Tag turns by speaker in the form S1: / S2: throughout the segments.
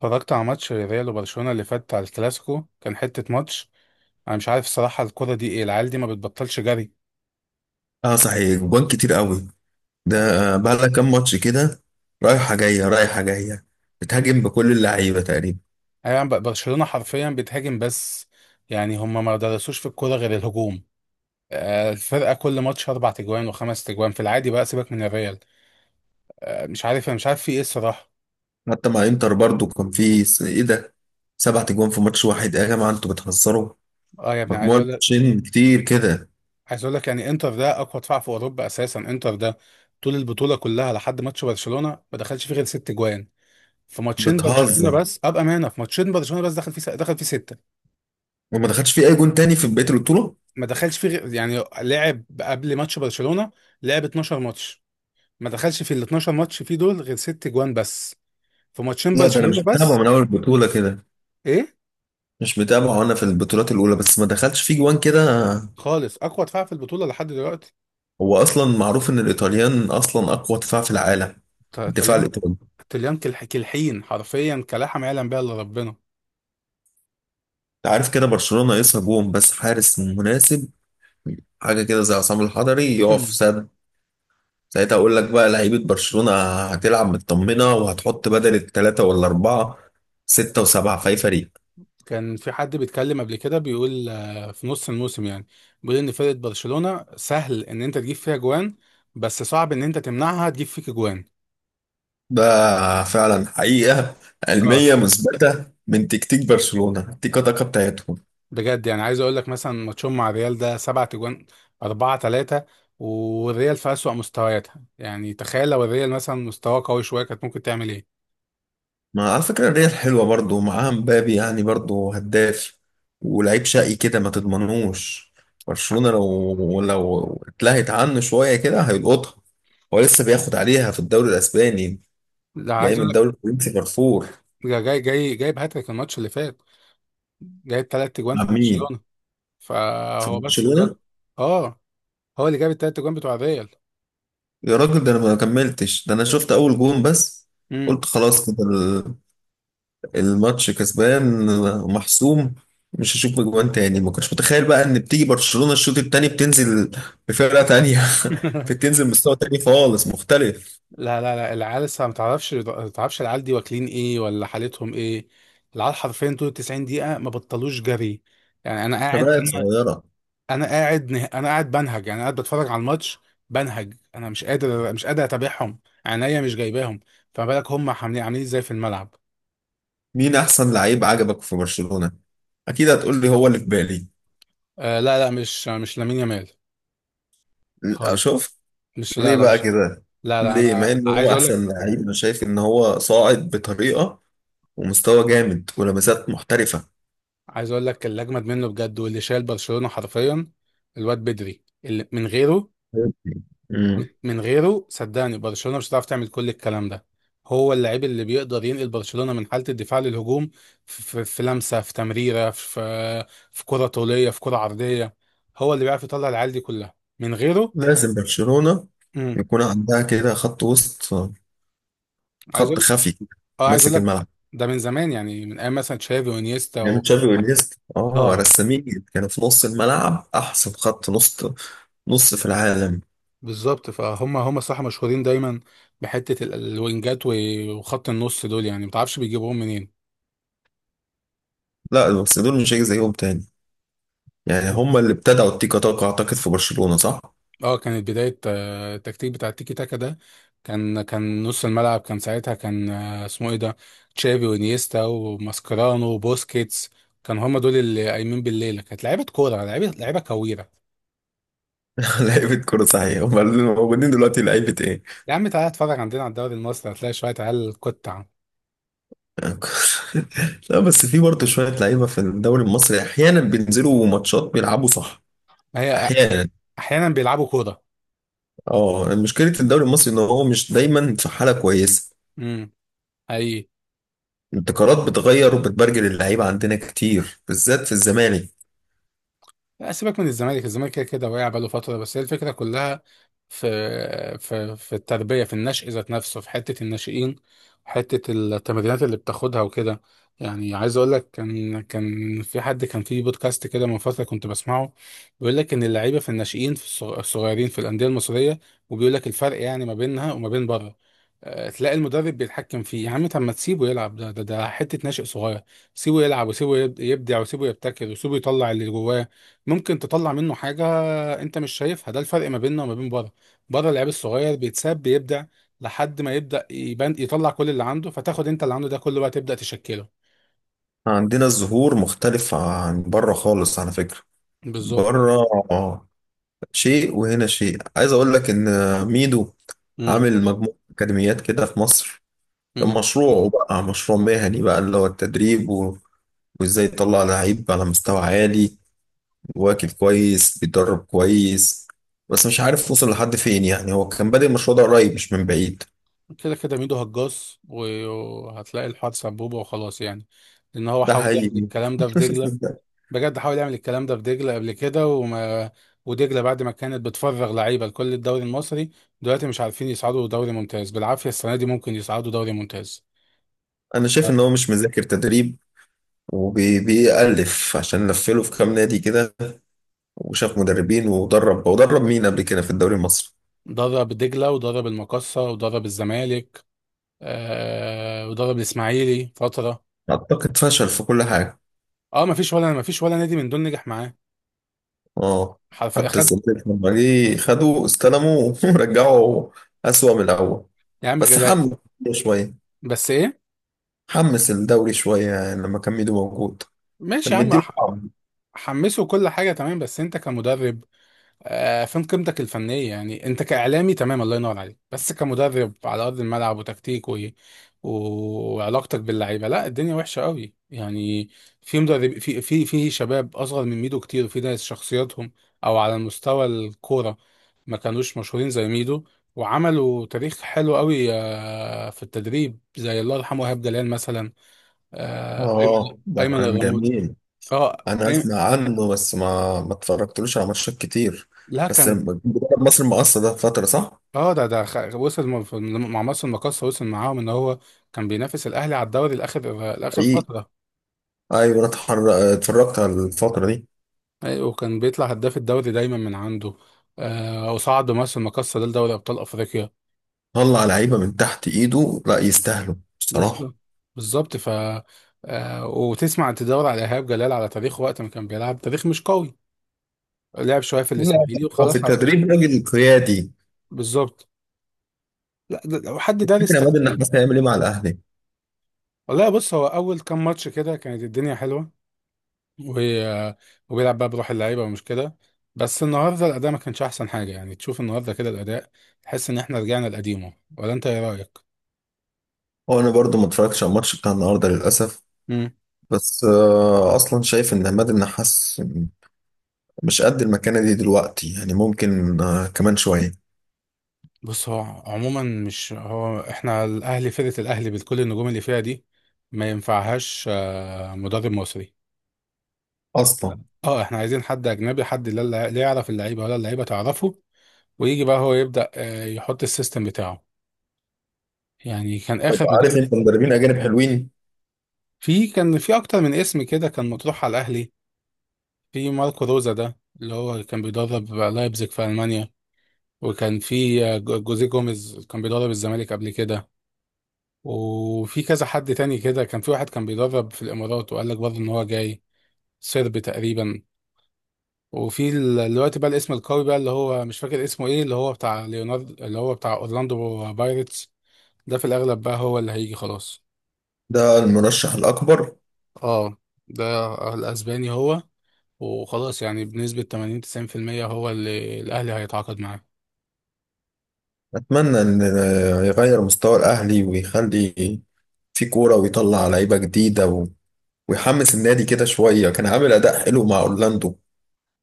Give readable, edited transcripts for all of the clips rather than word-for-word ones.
S1: اتفرجت على ماتش ريال وبرشلونة اللي فات على الكلاسيكو، كان حتة ماتش. انا مش عارف الصراحة الكرة دي ايه، العيال دي ما بتبطلش جري.
S2: اه، صحيح، جوان كتير قوي. ده
S1: يعني
S2: بقى لها كام ماتش كده. رايحه جايه رايحه جايه، بتهاجم بكل اللعيبه تقريبا.
S1: يعني برشلونة حرفيا بتهاجم بس. يعني هم ما درسوش في الكرة غير الهجوم. الفرقة كل ماتش اربع تجوان وخمس تجوان في العادي، بقى سيبك من الريال. مش عارف، انا مش عارف في ايه الصراحة.
S2: حتى مع انتر برضو كان في ايه ده، 7 جوان في ماتش واحد. ايه يا جماعه، انتوا بتهزروا؟
S1: اه يا ابني، عايز
S2: مجموع
S1: اقول لك،
S2: الماتشين كتير كده.
S1: يعني انتر ده اقوى دفاع في اوروبا اساسا، انتر ده طول البطولة كلها لحد ماتش برشلونة ما دخلش فيه غير ست جوان. في ماتشين برشلونه
S2: بتهزر.
S1: بس، ابقى مانا في ماتشين برشلونه بس دخل فيه، سته.
S2: وما دخلش في اي جون تاني في بقيه البطوله.
S1: ما دخلش فيه غير- يعني لعب قبل ماتش برشلونه، لعب 12 ماتش، ما دخلش في ال 12 ماتش فيه دول غير ست جوان بس، في ماتشين
S2: لا، ده انا
S1: برشلونه
S2: مش متابع
S1: بس.
S2: من اول البطوله كده.
S1: ايه
S2: مش متابع، وانا في البطولات الاولى بس ما دخلش في جوان كده.
S1: خالص، اقوى دفاع في البطوله لحد دلوقتي.
S2: هو اصلا معروف ان الايطاليان اصلا اقوى دفاع في العالم، الدفاع
S1: طليان،
S2: الايطالي.
S1: كالحين حرفيا كلحم يعلم بها الا ربنا.
S2: عارف كده، برشلونة ناقصها جون بس حارس مناسب. حاجة كده زي عصام الحضري يقف سد. ساعتها أقول لك بقى لعيبة برشلونة هتلعب مطمنة، وهتحط بدل التلاتة ولا أربعة، ستة وسبعة في أي فريق.
S1: كان في حد بيتكلم قبل كده بيقول في نص الموسم، يعني بيقول ان فرقة برشلونة سهل ان انت تجيب فيها جوان بس صعب ان انت تمنعها تجيب فيك جوان.
S2: ده فعلا حقيقة
S1: اه
S2: علمية مثبتة من تكتيك برشلونة تيكا تاكا بتاعتهم.
S1: بجد، يعني عايز اقول لك مثلا ماتشهم مع الريال ده سبعة جوان، أربعة تلاتة. والريال في أسوأ مستوياتها، يعني تخيل لو الريال مثلا مستواه قوي شوية كانت ممكن تعمل ايه.
S2: ما على فكرة الريال حلوة برضو، معاها مبابي يعني برضو هداف ولعيب شقي كده ما تضمنوش. برشلونة لو اتلهت عنه شوية كده هيلقطها. هو لسه بياخد عليها في الدوري الأسباني،
S1: لا
S2: جاي
S1: عايز
S2: من
S1: اقول لك،
S2: الدوري الفرنسي فرفور.
S1: جاي جايب هاتريك الماتش اللي فات، جايب تلات جوان
S2: مع
S1: في
S2: مين؟
S1: برشلونة.
S2: في
S1: فهو بس الواد.
S2: برشلونة؟
S1: اه، هو اللي جاب التلات جوان بتوع الريال.
S2: يا راجل، ده أنا ما كملتش، ده أنا شفت أول جون بس.
S1: امم.
S2: قلت خلاص كده، الماتش كسبان محسوم، مش هشوف اجوان تاني. ما كنتش متخيل بقى ان بتيجي برشلونة الشوط التاني بتنزل بفرقة تانية. فيك تنزل من مستوى تاني خالص مختلف.
S1: لا، العيال لسه ما تعرفش العيال دي واكلين ايه ولا حالتهم ايه. العيال حرفيا طول 90 دقيقة ما بطلوش جري. يعني
S2: شباب صغيرة.
S1: انا قاعد بنهج، يعني قاعد بتفرج على الماتش بنهج، انا مش قادر اتابعهم، عينيا مش جايباهم. فما بالك هم عاملين ازاي في الملعب.
S2: مين أحسن لعيب عجبك في برشلونة؟ أكيد هتقول لي هو اللي في بالي.
S1: آه لا لا مش مش لامين يامال
S2: لا،
S1: خالص،
S2: شوف.
S1: مش لا
S2: ليه
S1: لا
S2: بقى
S1: مش
S2: كده؟
S1: لا لا
S2: ليه؟ مع
S1: انا
S2: إن
S1: عايز
S2: هو
S1: اقول
S2: أحسن
S1: لك،
S2: لعيب، أنا شايف إن هو صاعد بطريقة ومستوى جامد ولمسات محترفة.
S1: اللي اجمد منه بجد واللي شايل برشلونة حرفيا الواد بدري، اللي من غيره،
S2: مم.
S1: من غيره صدقني برشلونة مش هتعرف تعمل كل الكلام ده. هو اللاعب اللي بيقدر ينقل برشلونة من حالة الدفاع للهجوم، في لمسة، في تمريرة، في كرة طولية، في كرة عرضية. هو اللي بيعرف يطلع العيال دي كلها من غيره.
S2: لازم برشلونة
S1: امم.
S2: يكون عندها كده خط وسط،
S1: عايز
S2: خط
S1: اقول،
S2: خفي كده،
S1: اه عايز اقول
S2: ماسك
S1: لك،
S2: الملعب.
S1: ده من زمان، يعني من ايام مثلا تشافي وانيستا
S2: يعني
S1: و...
S2: تشافي وإنيستا، اه،
S1: اه
S2: رسامين كانوا في نص الملعب، أحسن خط نص في العالم.
S1: بالظبط. فهم هم صح مشهورين دايما بحتة الوينجات وخط النص دول، يعني ما تعرفش بيجيبوهم منين.
S2: لا، بس دول مش هيجي زيهم تاني. يعني هم اللي ابتدعوا التيكا تاكا، اعتقد، في برشلونة، صح؟
S1: اه كانت بداية التكتيك بتاع التيكي تاكا ده. كان كان نص الملعب كان ساعتها، كان آه، اسمه ايه ده، تشافي وانيستا وماسكرانو وبوسكيتس. كان هما دول اللي قايمين بالليلة، كانت لعيبة كورة، لعيبة كويرة.
S2: لعيبة كورة صحيح، هم اللي موجودين دلوقتي لعيبة ايه؟
S1: يا عم تعالى اتفرج عندنا على الدوري المصري، هتلاقي شوية عيال قطع.
S2: لا، بس في برضه شوية لعيبة في الدوري المصري احيانا بينزلوا ماتشات بيلعبوا صح.
S1: ما هي
S2: احيانا.
S1: أحيانا بيلعبوا كورة.
S2: اه، مشكلة الدوري المصري ان هو مش دايما في حالة كويسة.
S1: امم.
S2: الابتكارات بتغير، وبتبرجل اللعيبة عندنا كتير بالذات في الزمالك.
S1: لا سيبك من الزمالك، الزمالك كده كده واقع بقاله فترة، بس هي الفكرة كلها في التربية، في النشء ذات نفسه، في حتة الناشئين، حتة التمرينات اللي بتاخدها وكده. يعني عايز اقول لك، كان في حد كان في بودكاست كده من فترة كنت بسمعه، بيقول لك ان اللعيبة في الناشئين في الصغيرين في الأندية المصرية، وبيقول لك الفرق يعني ما بينها وما بين بره. تلاقي المدرب بيتحكم فيه، يا عم طب ما تسيبه يلعب، ده حتة ناشئ صغير، سيبه يلعب وسيبه يبدع وسيبه يبتكر وسيبه يطلع اللي جواه، ممكن تطلع منه حاجة انت مش شايفها. ده الفرق ما بيننا وما بين بره، بره اللعيب الصغير بيتساب بيبدع لحد ما يبدأ يبان يطلع كل اللي عنده، فتاخد انت اللي عنده ده كله بقى تبدأ تشكله.
S2: عندنا الظهور مختلف عن بره خالص على فكرة.
S1: بالظبط.
S2: بره آه. شيء وهنا شيء. عايز اقول لك ان ميدو
S1: امم.
S2: عامل مجموعة اكاديميات كده في مصر. كان
S1: امم.
S2: مشروعه بقى مشروع مهني بقى اللي هو التدريب وازاي يطلع لعيب على مستوى عالي، واكل كويس بيتدرب كويس. بس مش عارف وصل لحد فين، يعني هو كان بادئ المشروع ده قريب مش من بعيد.
S1: كده كده ميدو هجاص وهتلاقي الحوار سبوبة وخلاص يعني. لأن هو
S2: ده
S1: حاول يعمل
S2: حقيقي.
S1: الكلام ده في دجلة، بجد حاول يعمل الكلام ده في دجلة قبل كده، وما ودجلة بعد ما كانت بتفرغ لعيبة لكل الدوري المصري، دلوقتي مش عارفين يصعدوا دوري ممتاز بالعافية، السنة دي ممكن يصعدوا دوري ممتاز.
S2: انا شايف ان هو مش مذاكر تدريب، وبيألف عشان لفله في كام نادي كده، وشاف مدربين، ودرب مين قبل كده في الدوري المصري.
S1: درب دجلة ودرب المقصة ودرب الزمالك، آه ودرب الإسماعيلي فترة.
S2: اعتقد فشل في كل حاجه.
S1: اه ما فيش ولا نادي من دول نجح معاه.
S2: اه،
S1: حرف
S2: حتى
S1: اخد.
S2: السلتيك لما جه خدوه استلموه ورجعوا اسوأ من الاول.
S1: يا عم
S2: بس
S1: غلا-
S2: حمس شويه،
S1: بس ايه؟
S2: حمس الدوري شويه، يعني لما كان ميدو موجود كان
S1: ماشي يا عم،
S2: مديله طعم.
S1: حمسه كل حاجة تمام بس انت كمدرب، فين قيمتك الفنية؟ يعني انت كإعلامي تمام الله ينور عليك، بس كمدرب على أرض الملعب وتكتيك و... و... وعلاقتك باللعيبة، لا الدنيا وحشة قوي يعني. في مدرب، في شباب أصغر من ميدو كتير، وفي ناس شخصياتهم أو على مستوى الكورة ما كانوش مشهورين زي ميدو، وعملوا تاريخ حلو قوي في التدريب، زي الله يرحمه إيهاب جلال مثلا،
S2: اه، ده
S1: أيمن
S2: كان
S1: الرمود.
S2: جميل.
S1: اه.
S2: انا اسمع عنه، بس ما اتفرجتلوش على ماتشات كتير.
S1: لا
S2: بس
S1: كان.
S2: منتخب مصر مقصر ده فتره، صح؟
S1: اه ده ده خ- وصل م- في- مع مصر المقاصة، وصل معاهم ان هو كان بينافس الاهلي على الدوري لاخر، لاخر
S2: حقيقي.
S1: فتره.
S2: ايوه، انا اتفرجت على الفتره دي.
S1: ايوه وكان بيطلع هداف الدوري دايما من عنده. آه، وصعد بمصر المقاصة ده لدوري ابطال افريقيا.
S2: طلع لعيبه من تحت ايده، لا يستاهلوا بصراحه.
S1: بالظبط، بالظبط آه، وتسمع تدور على ايهاب جلال على تاريخه وقت ما كان بيلعب تاريخ مش قوي، لعب شويه في
S2: لا،
S1: الاسماعيلي
S2: هو في
S1: وخلاص على كده.
S2: التدريب راجل قيادي.
S1: بالظبط. لا ده لو حد دارس
S2: فكرة يا عماد، ان احنا
S1: تكتيك.
S2: هيعمل ايه مع الاهلي.
S1: والله بص، هو اول كام ماتش كده كانت الدنيا حلوه، و- وبيلعب بقى بروح اللعيبه ومش كده، بس النهارده الاداء ما كانش احسن حاجه، يعني تشوف النهارده كده الاداء تحس ان احنا رجعنا لقديمه، ولا انت ايه رايك.
S2: هو انا برضو ما اتفرجتش على الماتش بتاع النهارده للاسف.
S1: امم.
S2: بس اصلا شايف ان عماد النحاس مش قد المكانه دي دلوقتي، يعني ممكن كمان شويه.
S1: بص هو عموما، مش هو احنا الاهلي، فرقه الاهلي بكل النجوم اللي فيها دي ما ينفعهاش مدرب مصري.
S2: اصلا.
S1: لا. اه احنا عايزين حد اجنبي، حد لا يعرف اللعيبه ولا اللعيبه تعرفه، ويجي بقى هو يبدا يحط السيستم بتاعه. يعني كان
S2: طب
S1: اخر
S2: عارف
S1: مدرب،
S2: انت مدربين اجانب حلوين.
S1: كان في اكتر من اسم كده كان مطروح على الاهلي. في ماركو روزا ده اللي هو كان بيدرب لايبزيج في ألمانيا، وكان في جوزيه جوميز كان بيدرب الزمالك قبل كده، وفي كذا حد تاني كده، كان في واحد كان بيدرب في الإمارات، وقال لك برضه إن هو جاي، سربي تقريبا. وفي دلوقتي بقى الاسم القوي بقى اللي هو مش فاكر اسمه إيه، اللي هو بتاع ليوناردو اللي هو بتاع أورلاندو بايرتس، ده في الأغلب بقى هو اللي هيجي خلاص.
S2: ده المرشح الاكبر.
S1: اه ده، الأسباني هو، وخلاص يعني بنسبة 80 90% هو اللي الأهلي هيتعاقد معاه.
S2: اتمنى ان يغير مستوى الاهلي ويخلي في كوره ويطلع لعيبه جديده ويحمس النادي كده شويه، كان عامل اداء حلو مع اورلاندو.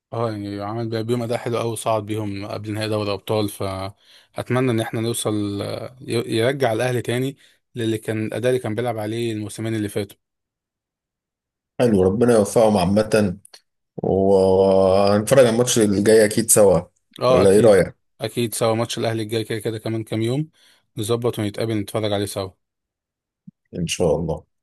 S1: اه يعني عمل بيهم اداء حلو قوي وصعد بيهم قبل نهائي دوري ابطال، فاتمنى ان احنا نوصل، يرجع الاهلي تاني للي كان الاداء اللي كان بيلعب عليه الموسمين اللي فاتوا.
S2: حلو، ربنا يوفقهم عامه. وهنتفرج على الماتش اللي جاي اكيد سوا،
S1: اه
S2: ولا ايه
S1: اكيد.
S2: رأيك؟
S1: اكيد سوا، ماتش الاهلي الجاي كده كده كمان كام يوم، نظبط ونتقابل نتفرج عليه سوا.
S2: ان شاء الله.